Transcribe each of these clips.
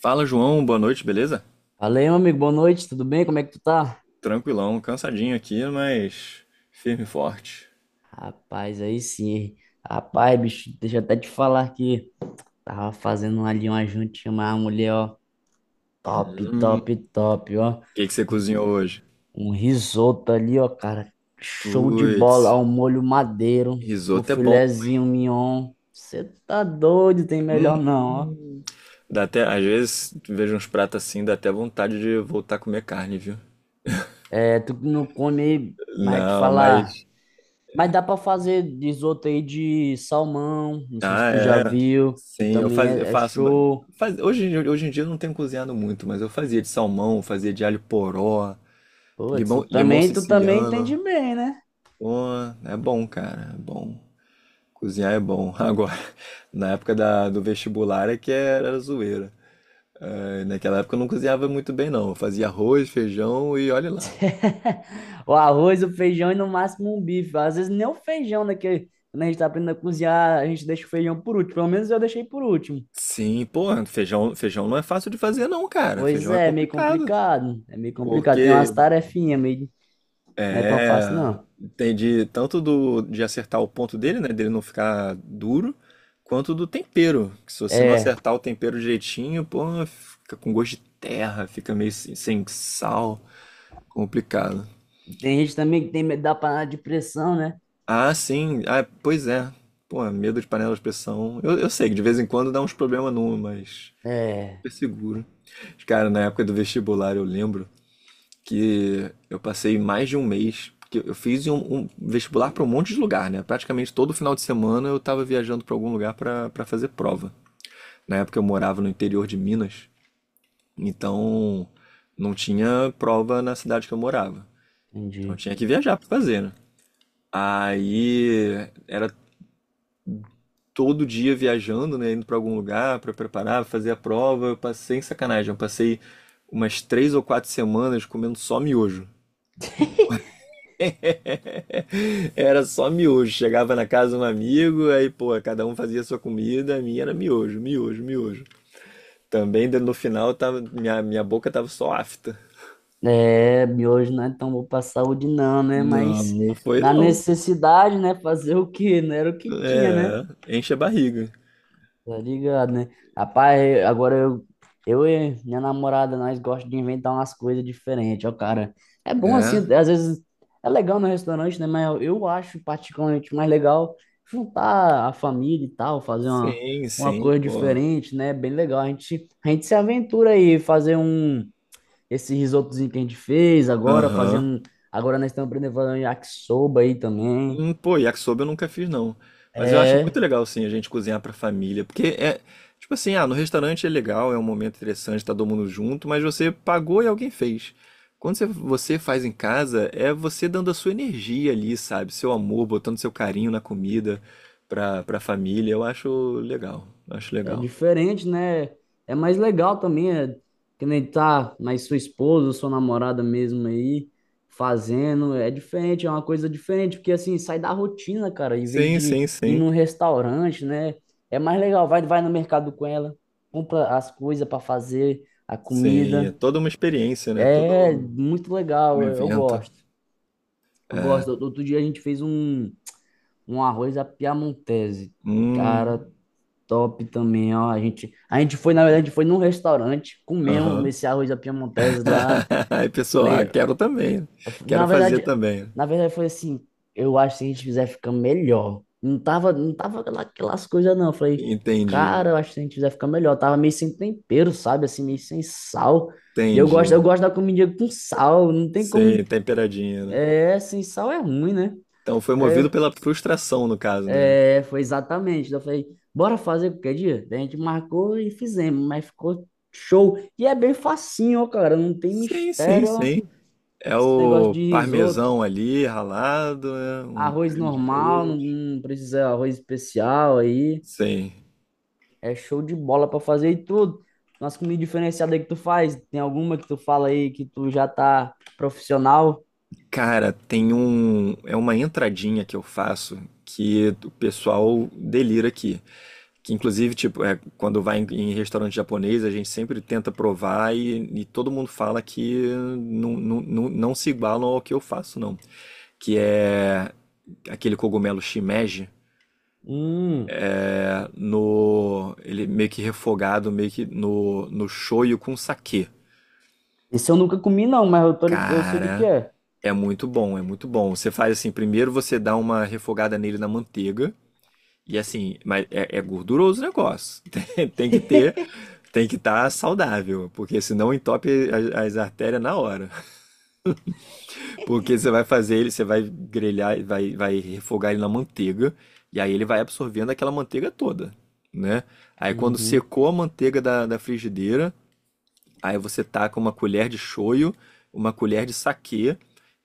Fala, João, boa noite, beleza? Fala aí, meu amigo, boa noite, tudo bem? Como é que tu tá? Tranquilão, cansadinho aqui, mas firme e forte. Rapaz, aí sim, hein? Rapaz, bicho, deixa eu até te falar que tava fazendo ali uma jantinha, uma mulher, ó, top, top, top, ó. O que que você E cozinhou hoje? Um risoto ali, ó, cara, show de Putz, bola, ó, um molho madeiro, um risoto é bom. filezinho mignon. Você tá doido, tem Hum, melhor não, ó. dá até, às vezes vejo uns pratos assim, dá até vontade de voltar a comer carne, viu? É, tu que não come, mas te Não, falar. mas Mas dá pra fazer risoto aí de salmão, não sei se ah, tu já é, viu, que sim, eu, também faz, eu é faço ba- show. faz- hoje em dia eu não tenho cozinhado muito, mas eu fazia de salmão, fazia de alho poró, Putz, limão tu também entende siciliano. bem, né? Pô, é bom, cara, é bom. Cozinhar é bom. Agora, na época da- do vestibular é que era zoeira. É, naquela época eu não cozinhava muito bem, não. Eu fazia arroz, feijão e olha lá. O arroz, o feijão e no máximo um bife. Às vezes nem o feijão, né? Que quando a gente tá aprendendo a cozinhar, a gente deixa o feijão por último. Pelo menos eu deixei por último. Sim, pô, feijão, feijão não é fácil de fazer, não, cara. Pois Feijão é é, é meio complicado. complicado. É meio complicado. Tem Porque umas tarefinhas meio. Não é tão fácil, é. não. Entendi tanto de acertar o ponto dele, né? Dele não ficar duro, quanto do tempero. Que se você não É. acertar o tempero direitinho, pô, fica com gosto de terra, fica meio sem sal. Complicado. Tem gente também que tem medo da panela de pressão, né? Ah, sim. Ah, pois é. Pô, medo de panela de pressão. Eu sei que de vez em quando dá uns problemas numa, mas É, super seguro. Cara, na época do vestibular eu lembro que eu passei mais de um mês, porque eu fiz um vestibular para um monte de lugar, né? Praticamente todo final de semana eu tava viajando para algum lugar para fazer prova. Na época eu morava no interior de Minas, então não tinha prova na cidade que eu morava. Então eu entendi. tinha que viajar para fazer, né? Aí era todo dia viajando, né, indo para algum lugar para preparar, fazer a prova. Eu passei, sacanagem, eu passei umas 3 ou 4 semanas comendo só miojo. Era só miojo. Chegava na casa de um amigo, aí, pô, cada um fazia a sua comida, a minha era miojo, miojo, miojo. Também no final tava, minha boca tava só afta. É, miojo não é tão bom pra saúde não, né? Não, Mas não foi na não. necessidade, né? Fazer o quê? Não era o que tinha, né? É, enche a barriga. Tá ligado, né? Agora eu e minha namorada, nós gostamos de inventar umas coisas diferentes, ó, cara. É bom assim, É. às vezes é legal no restaurante, né? Mas eu acho particularmente mais legal juntar a família e tal, fazer Sim, uma sim, coisa pô. diferente, né? Bem legal. A gente se aventura aí, fazer um esse risotozinho que a gente fez agora, fazer Aham. um. Agora nós estamos aprendendo a fazer um yakisoba aí também. Pô, yakisoba eu nunca fiz, não. Mas eu acho muito É, legal, assim, a gente cozinhar pra família. Porque é, tipo assim, ah, no restaurante é legal, é um momento interessante, tá todo mundo junto, mas você pagou e alguém fez. Quando você faz em casa, é você dando a sua energia ali, sabe? Seu amor, botando seu carinho na comida pra família. Eu acho legal, acho é legal. diferente, né? É mais legal também, é, que nem tá mais sua esposa, sua namorada mesmo aí, fazendo. É diferente, é uma coisa diferente, porque assim, sai da rotina, cara, em vez Sim, de sim, ir sim. num restaurante, né? É mais legal, vai, vai no mercado com ela, compra as coisas para fazer, a Sim, é comida. toda uma experiência, né? É Todo muito um legal, eu evento. gosto. Eu É. gosto. Outro dia a gente fez um, um arroz à piamontese. Cara, Hum, top também, ó. A gente foi, na verdade, foi num restaurante, comemos aham. esse arroz à piamontese lá. Aí, pessoal, ah, Falei, quero também. Quero na fazer verdade, também. na verdade foi assim, eu acho que se a gente fizer fica melhor. Não tava aquelas coisas não. Eu falei, cara, Entendi, eu acho que se a gente fizer fica melhor. Tava meio sem tempero, sabe? Assim, meio sem sal. E entendi. eu gosto da comida com sal. Não tem Sim, como, temperadinha, né? é, sem sal é ruim, né? Então foi movido pela frustração, no caso, né? É, foi exatamente. Eu falei, bora fazer qualquer dia? Daí a gente marcou e fizemos, mas ficou show. E é bem facinho, ó, cara. Não tem Sim, sim, mistério, ó. sim. É Esse negócio o de risoto, parmesão ali, ralado, né? Um arroz creme de normal, não leite. não precisa arroz especial aí. Sim. É show de bola pra fazer e tudo. Nossa comida diferenciada aí que tu faz, tem alguma que tu fala aí que tu já tá profissional? Cara, tem um. É uma entradinha que eu faço que o pessoal delira aqui. Que inclusive, tipo, é, quando vai em restaurante japonês, a gente sempre tenta provar e todo mundo fala que não, não, não, não se igualam ao que eu faço, não. Que é aquele cogumelo shimeji, Hum, é, no, ele meio que refogado, meio que no shoyu com saquê. esse eu nunca comi não, mas eu, tô, eu sei o que que Cara, é. é muito bom, é muito bom. Você faz assim, primeiro você dá uma refogada nele na manteiga. E assim, mas é gorduroso o negócio. Tem que estar saudável, porque senão entope as artérias na hora. Porque você vai fazer ele, você vai grelhar, vai refogar ele na manteiga, e aí ele vai absorvendo aquela manteiga toda, né? Aí quando Uhum. secou a manteiga da frigideira, aí você taca uma colher de shoyu, uma colher de saquê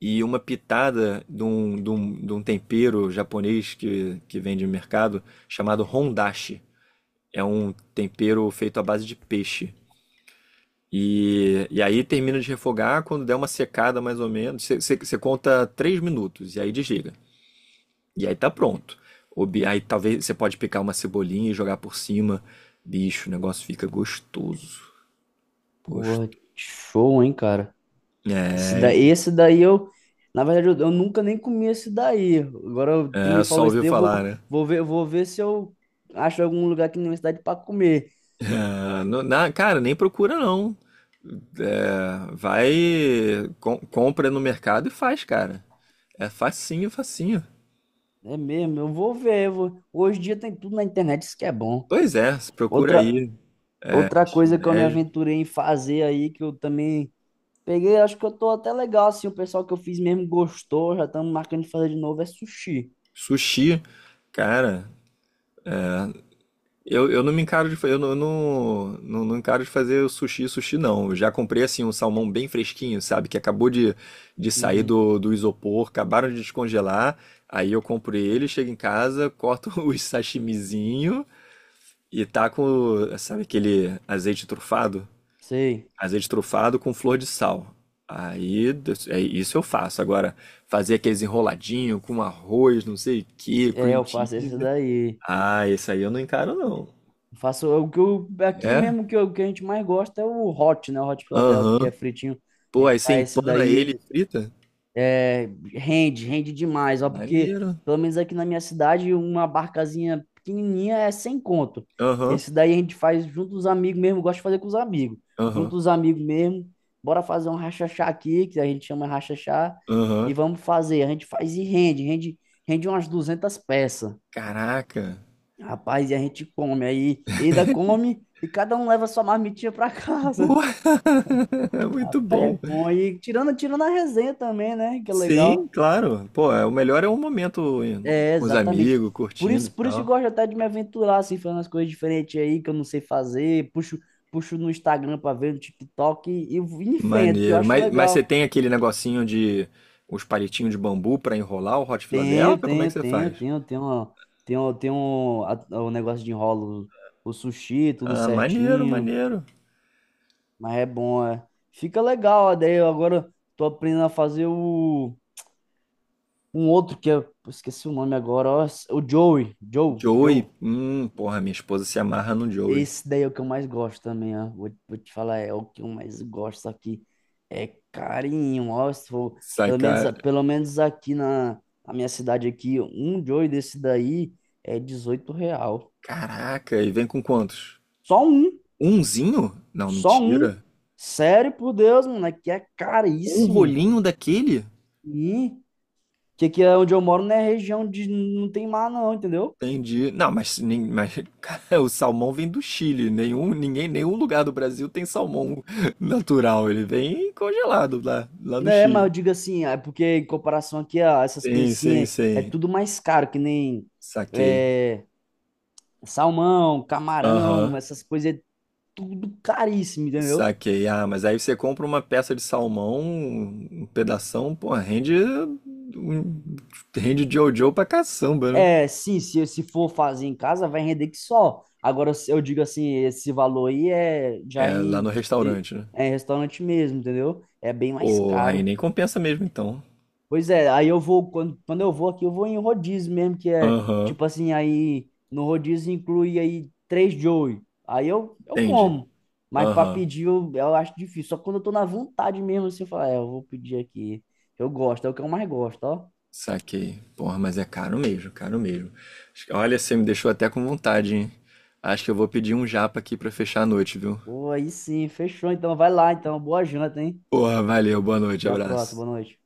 e uma pitada de um tempero japonês que vende no mercado chamado hondashi. É um tempero feito à base de peixe. E aí termina de refogar quando der uma secada mais ou menos. Você conta 3 minutos e aí desliga. E aí tá pronto. Aí talvez você pode picar uma cebolinha e jogar por cima. Bicho, o negócio fica gostoso. Porra, Gostoso. show, hein, cara. Esse É, daí, esse daí eu, na verdade, eu nunca nem comi esse daí. Tu é, me só falou isso ouviu daí, eu falar, vou, né? Vou ver se eu acho algum lugar aqui na minha cidade para comer. É, cara, nem procura não. É, vai, compra no mercado e faz, cara. É facinho, facinho. É mesmo, eu vou ver. Hoje em dia tem tudo na internet, isso que é bom. Pois é, procura Outra, aí. outra coisa que eu me Shimeji, aventurei em fazer aí, que eu também peguei, acho que eu tô até legal, assim, o pessoal que eu fiz mesmo gostou, já estamos marcando de fazer de novo, é sushi. sushi, cara, eu não encaro de fazer o sushi, sushi não. Eu já comprei assim um salmão bem fresquinho, sabe, que acabou de sair Uhum. do isopor, acabaram de descongelar. Aí eu compro ele, chego em casa, corto os sashimizinho e taco, sabe aquele azeite trufado? Sei. Azeite trufado com flor de sal. Aí, é isso eu faço. Agora, fazer aqueles enroladinho com arroz, não sei o que, É, cream eu faço esse cheese. daí. Ah, esse aí eu não encaro, não. Eu faço o que eu, aqui É? mesmo que, que a gente mais gosta é o hot, né? O hot Philadelphia, que é Aham. fritinho. A Pô, aí gente você faz esse empana ele daí, e frita? rende, rende demais, ó, porque Maneiro. pelo menos aqui na minha cidade, uma barcazinha pequenininha é sem conto. Aham, Esse daí a gente faz junto dos amigos mesmo, eu gosto de fazer com os amigos. Junto aham, dos amigos mesmo, bora fazer um rachachá aqui, que a gente chama rachachá, aham. e vamos fazer. A gente faz e rende, rende umas 200 peças. Caraca. Rapaz, e a gente come aí, e ainda come e cada um leva sua marmitinha pra casa. Boa! Muito Rapaz, é bom. bom. E tirando, tirando a resenha também, né? Que é Sim, legal. claro. Pô, é, o melhor é um momento É, com os exatamente. amigos, curtindo e Por isso que eu tal. gosto até de me aventurar, assim, fazendo as coisas diferentes aí que eu não sei fazer. Puxo, puxo no Instagram pra ver, no TikTok e vou em frente, porque eu Maneiro. acho Mas você legal. tem aquele negocinho de os palitinhos de bambu pra enrolar o Hot Tenho, Philadelphia? Como é que tenho, você tenho, faz? tenho, tenho, tenho o negócio de enrolo, o sushi, tudo Ah, maneiro, certinho. maneiro. Mas é bom, é. Fica legal, ó, daí eu agora tô aprendendo a fazer o um outro que eu esqueci o nome agora, ó, o Joey, Joe, Joey. Joe. Porra, minha esposa se amarra no Joey. Esse daí é o que eu mais gosto também, ó. Vou, vou te falar, é o que eu mais gosto aqui. É carinho, ó, se for, Sai, cara. pelo menos aqui na, na minha cidade aqui, um Joey desse daí é 18 real. Caraca, e vem com quantos? Só um, Umzinho? Não, só um. mentira. Sério, por Deus, mano, aqui é Um caríssimo. rolinho daquele? e Que aqui é onde eu moro não é região de. Não tem mar, não, entendeu? Entendi. Não, mas, nem- mas cara, o salmão vem do Chile. Nenhum lugar do Brasil tem salmão natural. Ele vem congelado lá, do Né, mas eu Chile. digo assim, é porque em comparação aqui a essas Sim, coisas assim, sim, é, é sim. tudo mais caro, que nem Saquei. é, salmão, Aham. camarão, essas coisas, é tudo caríssimo, entendeu? Saquei. Ah, mas aí você compra uma peça de salmão, um pedação, pô, rende Jojo pra caçamba, né? É, sim, se for fazer em casa, vai render que só. Agora, se eu digo assim, esse valor aí é já É, lá no em, em- restaurante, né? é em restaurante mesmo, entendeu? É bem mais Pô, aí caro. nem compensa mesmo então. Pois é, aí eu vou, quando, quando eu vou aqui, eu vou em rodízio mesmo, que é Aham, tipo assim, aí no rodízio inclui aí três Joey. Aí eu entendi. como. Mas pra Aham, pedir eu acho difícil. Só quando eu tô na vontade mesmo, assim, eu falo, é, eu vou pedir aqui. Eu gosto, é o que eu mais gosto, ó. saquei. Porra, mas é caro mesmo, caro mesmo. Olha, você me deixou até com vontade, hein? Acho que eu vou pedir um japa aqui pra fechar a noite, viu? Pô, aí sim, fechou. Então vai lá, então. Boa janta, hein? Porra, valeu, boa noite, Até a próxima, abraço. boa noite.